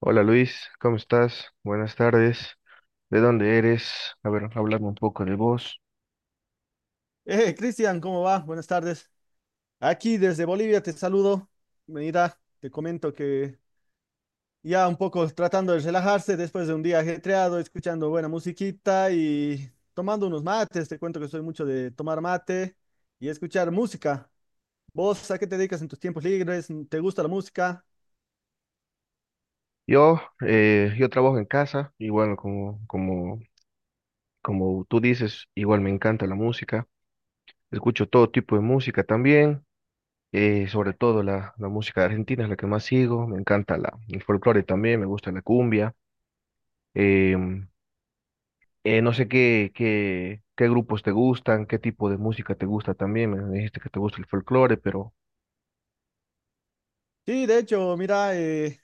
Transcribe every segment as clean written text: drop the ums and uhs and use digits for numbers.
Hola Luis, ¿cómo estás? Buenas tardes. ¿De dónde eres? A ver, háblame un poco de vos. Cristian, ¿cómo va? Buenas tardes. Aquí desde Bolivia te saludo. Mira, te comento que ya un poco tratando de relajarse después de un día ajetreado, escuchando buena musiquita y tomando unos mates. Te cuento que soy mucho de tomar mate y escuchar música. ¿Vos a qué te dedicas en tus tiempos libres? ¿Te gusta la música? Yo, yo trabajo en casa y bueno, como tú dices, igual me encanta la música. Escucho todo tipo de música también, sobre todo la música argentina es la que más sigo. Me encanta el folclore también, me gusta la cumbia. Em, no sé qué grupos te gustan, qué tipo de música te gusta también. Me dijiste que te gusta el folclore, pero. Sí, de hecho, mira,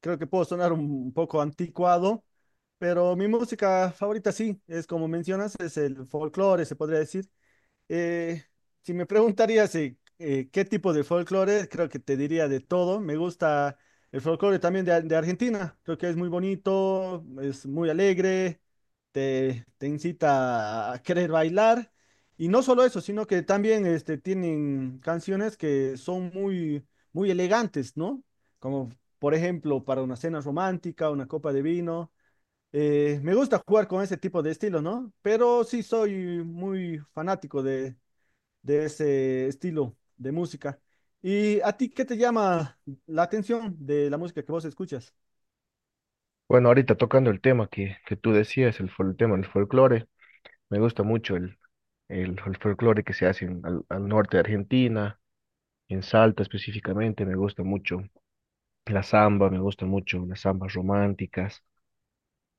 creo que puedo sonar un poco anticuado, pero mi música favorita sí, es como mencionas, es el folclore, se podría decir. Eh, si me preguntarías qué tipo de folclore, creo que te diría de todo. Me gusta el folclore también de, de Argentina. Creo que es muy bonito, es muy alegre, te incita a querer bailar. Y no solo eso, sino que también este, tienen canciones que son muy, muy elegantes, ¿no? Como por ejemplo para una cena romántica, una copa de vino. Me gusta jugar con ese tipo de estilo, ¿no? Pero sí soy muy fanático de ese estilo de música. ¿Y a ti qué te llama la atención de la música que vos escuchas? Bueno, ahorita tocando el tema que tú decías, el tema del folclore, me gusta mucho el folclore que se hace al norte de Argentina, en Salta específicamente, me gusta mucho la samba, me gustan mucho las zambas románticas,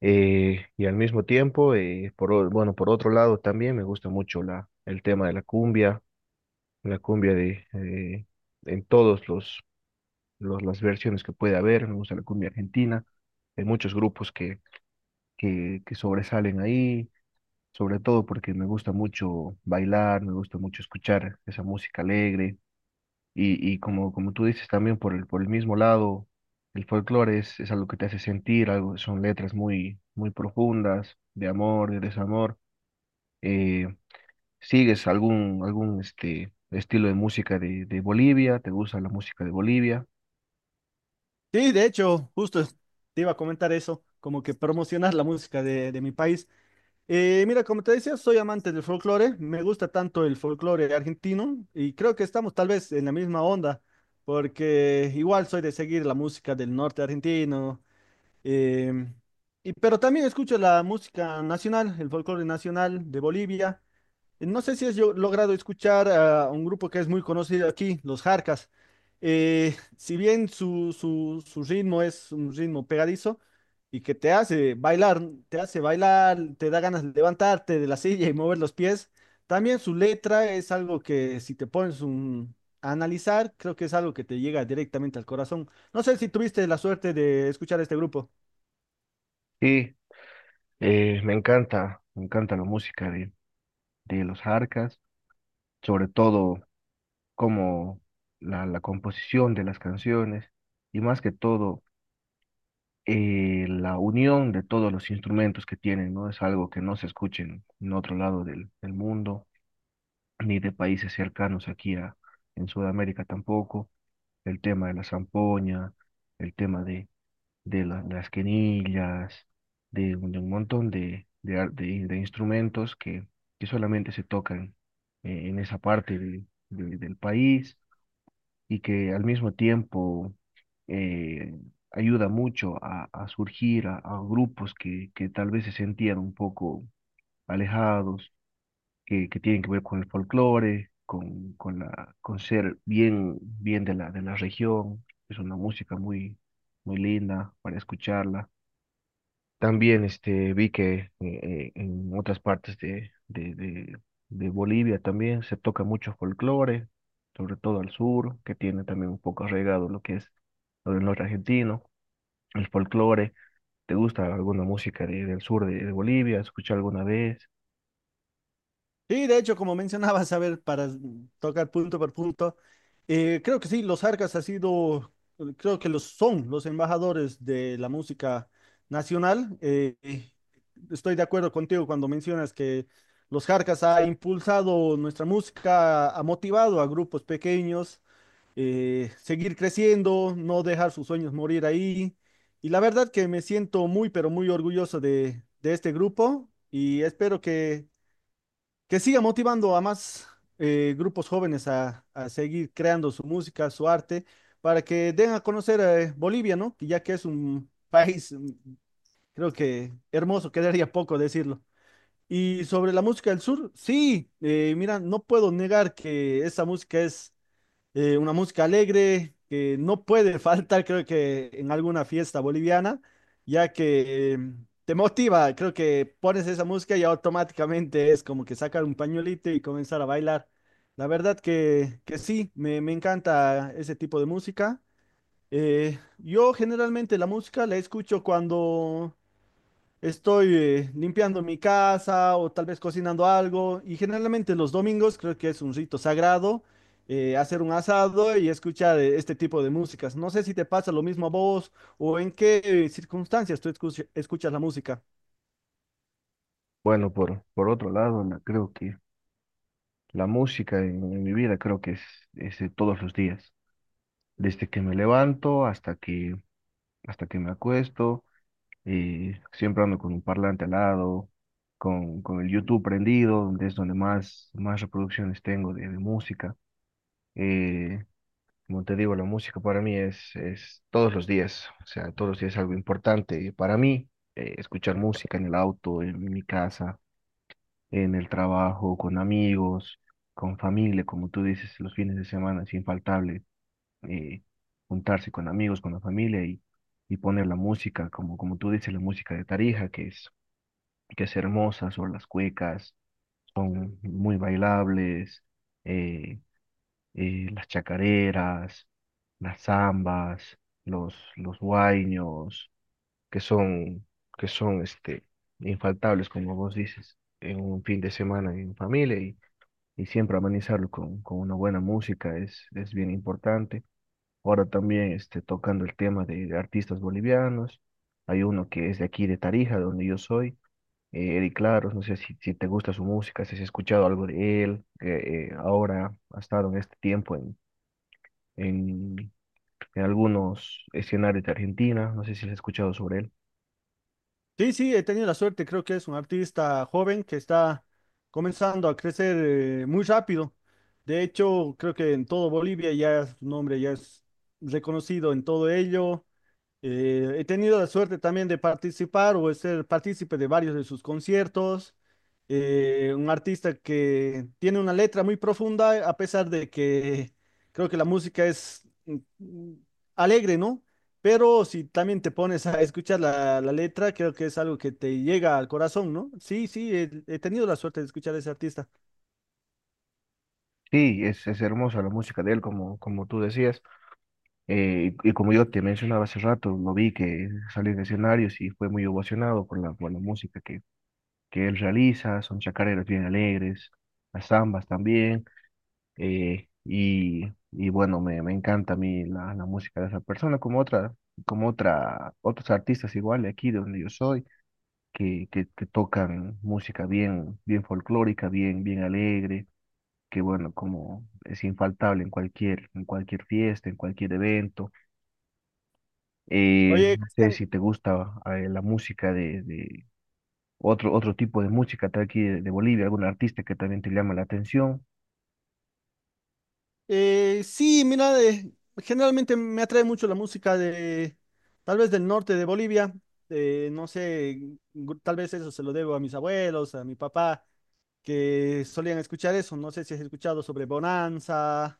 y al mismo tiempo, bueno, por otro lado también me gusta mucho el tema de la cumbia de, en todos las versiones que puede haber, me gusta la cumbia argentina, hay muchos grupos que sobresalen ahí sobre todo porque me gusta mucho bailar, me gusta mucho escuchar esa música alegre y como, como tú dices también por el mismo lado, el folclore es algo que te hace sentir, algo, son letras muy, muy profundas de amor, de desamor. Eh, ¿Sigues algún estilo de música de Bolivia? ¿Te gusta la música de Bolivia? Sí, de hecho, justo te iba a comentar eso, como que promocionar la música de mi país. Mira, como te decía, soy amante del folclore, me gusta tanto el folclore argentino y creo que estamos tal vez en la misma onda, porque igual soy de seguir la música del norte argentino, em, y, pero también escucho la música nacional, el folclore nacional de Bolivia. No sé si has logrado escuchar a un grupo que es muy conocido aquí, los Jarcas. Si bien su ritmo es un ritmo pegadizo y que te hace bailar, te hace bailar, te da ganas de levantarte de la silla y mover los pies, también su letra es algo que si te pones a analizar, creo que es algo que te llega directamente al corazón. No sé si tuviste la suerte de escuchar este grupo. Sí, me encanta la música de los Jarcas, sobre todo. Como la composición de las canciones y más que todo la unión de todos los instrumentos que tienen, ¿no? Es algo que no se escucha en otro lado del mundo, ni de países cercanos aquí a, en Sudamérica tampoco. El tema de la zampoña, el tema de las quenillas, de un montón de instrumentos que solamente se tocan en esa parte del país y que al mismo tiempo eh, ayuda mucho a, surgir a, grupos que tal vez se sentían un poco alejados, que tienen que ver con el folclore, con ser bien, bien de la región. Es una música muy, muy linda para escucharla. También vi que en otras partes de Bolivia también se toca mucho folclore, sobre todo al sur, que tiene también un poco arraigado lo que es lo del norte argentino, el folclore. ¿Te gusta alguna música del sur de Bolivia? ¿Has escuchado alguna vez? Sí, de hecho, como mencionabas, a ver, para tocar punto por punto, creo que sí, los arcas ha sido, creo que los son los embajadores de la música nacional. Estoy de acuerdo contigo cuando mencionas que los Jarcas ha impulsado nuestra música, ha motivado a grupos pequeños seguir creciendo, no dejar sus sueños morir ahí. Y la verdad que me siento muy, pero muy orgulloso de este grupo y espero que siga motivando a más grupos jóvenes a seguir creando su música, su arte, para que den a conocer Bolivia, ¿no? Que ya que es un país, creo que hermoso, quedaría poco decirlo. Y sobre la música del sur, sí, mira, no puedo negar que esa música es una música alegre que no puede faltar, creo que en alguna fiesta boliviana, ya que te motiva, creo que pones esa música y automáticamente es como que sacar un pañuelito y comenzar a bailar. La verdad que sí, me encanta ese tipo de música. Yo generalmente la música la escucho cuando estoy limpiando mi casa o tal vez cocinando algo y generalmente los domingos creo que es un rito sagrado hacer un asado y escuchar este tipo de músicas. No sé si te pasa lo mismo a vos o en qué circunstancias tú escuchas la música. Bueno, por otro lado, creo que la música en mi vida creo que es de todos los días, desde que me levanto hasta que me acuesto y siempre ando con un parlante al lado, con el YouTube prendido, donde es donde más reproducciones tengo de música. Eh, Como te digo, la música para mí es todos los días, o sea, todos los días es algo importante para mí, escuchar música en el auto, en mi casa, en el trabajo, con amigos, con familia, como tú dices, los fines de semana es infaltable, eh, juntarse con amigos, con la familia y poner la música, como tú dices, la música de Tarija, que es hermosa sobre las cuecas, son muy bailables, eh, las chacareras, las zambas, los huayños, que son, que son infaltables, como vos dices, en un fin de semana en familia y siempre amenizarlo con una buena música es bien importante. Ahora también tocando el tema de artistas bolivianos, hay uno que es de aquí de Tarija, donde yo soy, Eddie Claros, no sé si te gusta su música, si has escuchado algo de él, que ahora ha estado en este tiempo en, en algunos escenarios de Argentina, no sé si has escuchado sobre él. Sí, sí, he tenido la suerte, creo que es un artista joven que está comenzando a crecer muy rápido. De hecho, creo que en todo Bolivia ya su nombre ya es reconocido en todo ello. He tenido la suerte también de participar o de ser partícipe de varios de sus conciertos. Un artista que tiene una letra muy profunda, a pesar de que creo que la música es alegre, ¿no? Pero si también te pones a escuchar la letra, creo que es algo que te llega al corazón, ¿no? Sí, sí, he tenido la suerte de escuchar a ese artista. Sí, es hermosa la música de él, como tú decías, y como yo te mencionaba hace rato, lo vi que salió en escenarios y fue muy ovacionado por la música que él realiza, son chacareras bien alegres, las zambas también. Y bueno, me encanta a mí la música de esa persona, otros artistas igual de aquí de donde yo soy, que tocan música bien, bien folclórica, bien, bien alegre, que bueno, como es infaltable en cualquier fiesta, en cualquier evento. Oye, No sé Cristian, si te gusta la música de otro tipo de música de aquí de Bolivia, algún artista que también te llama la atención. Sí, mira, generalmente me atrae mucho la música de, tal vez del norte de Bolivia, no sé, tal vez eso se lo debo a mis abuelos, a mi papá, que solían escuchar eso, no sé si has escuchado sobre Bonanza,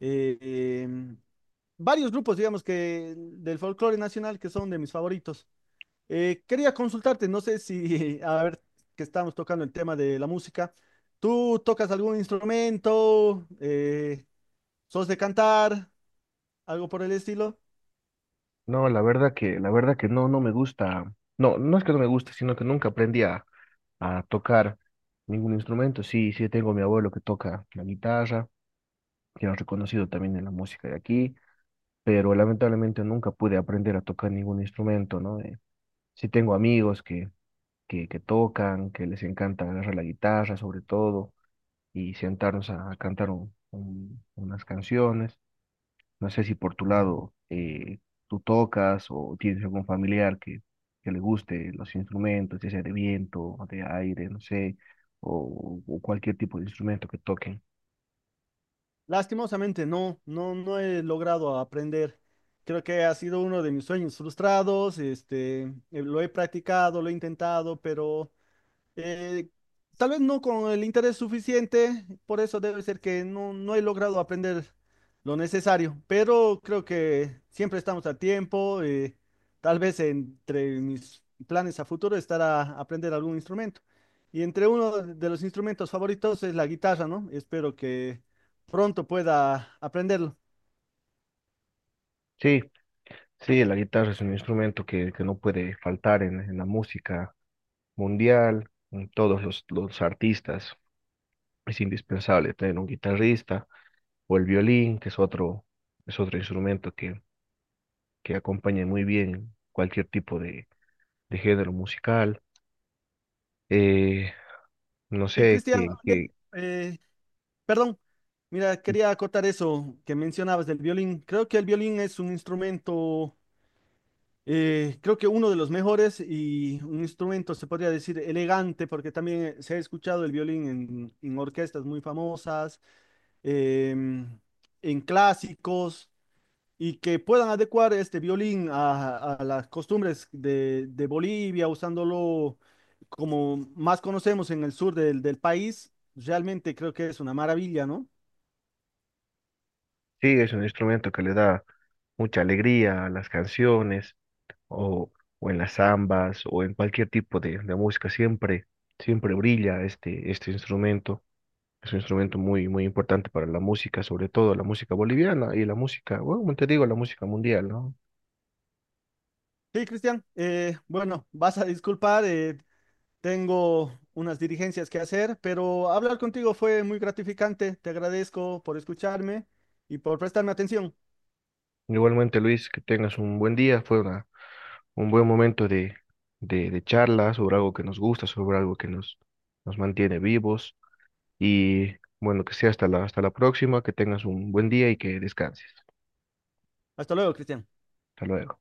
eh, em, varios grupos, digamos, que del folclore nacional que son de mis favoritos. Quería consultarte, no sé si, a ver, que estamos tocando el tema de la música, ¿tú tocas algún instrumento? ¿Sos de cantar? ¿Algo por el estilo? No, la verdad que no me gusta. No, no es que no me guste, sino que nunca aprendí a, tocar ningún instrumento. Sí, sí tengo a mi abuelo que toca la guitarra, que es reconocido también en la música de aquí, pero lamentablemente nunca pude aprender a tocar ningún instrumento, ¿no? Sí tengo amigos que tocan, que les encanta agarrar la guitarra sobre todo y sentarnos a, cantar unas canciones. No sé si por tu lado tú tocas o tienes algún familiar que le guste los instrumentos, ya sea de viento, o de aire, no sé, o cualquier tipo de instrumento que toquen. Lastimosamente no, no, no he logrado aprender. Creo que ha sido uno de mis sueños frustrados. Este, lo he practicado, lo he intentado, pero Eh, tal vez no con el interés suficiente, por eso debe ser que no, no he logrado aprender lo necesario, pero creo que siempre estamos a tiempo. Tal vez entre mis planes a futuro estará aprender algún instrumento. Y entre uno de los instrumentos favoritos es la guitarra, ¿no? Espero que pronto pueda aprenderlo. Sí, sí, la guitarra es un instrumento que no puede faltar en la música mundial, en todos los artistas. Es indispensable tener un guitarrista o el violín, que es otro instrumento que acompaña muy bien cualquier tipo de género musical. Eh, No Sí, sé, Cristian, que, oye, que eh, perdón. Mira, quería acotar eso que mencionabas del violín. Creo que el violín es un instrumento. Creo que uno de los mejores y un instrumento, se podría decir, elegante, porque también se ha escuchado el violín en orquestas muy famosas, em, en clásicos, y que puedan adecuar este violín a las costumbres de Bolivia, usándolo como más conocemos en el sur del, del país, realmente creo que es una maravilla, ¿no? sí, es un instrumento que le da mucha alegría a las canciones o, o en las zambas o en cualquier tipo de música. Siempre brilla este instrumento. Es un instrumento muy, muy importante para la música, sobre todo la música boliviana y la música, bueno, como te digo, la música mundial, ¿no? Sí, Cristian, bueno, vas a disculpar, tengo unas dirigencias que hacer, pero hablar contigo fue muy gratificante. Te agradezco por escucharme y por prestarme atención. Igualmente, Luis, que tengas un buen día. Fue un buen momento de charla sobre algo que nos gusta, sobre algo que nos mantiene vivos. Y bueno, que sea hasta la próxima, que tengas un buen día y que descanses. Hasta luego, Cristian. Hasta luego.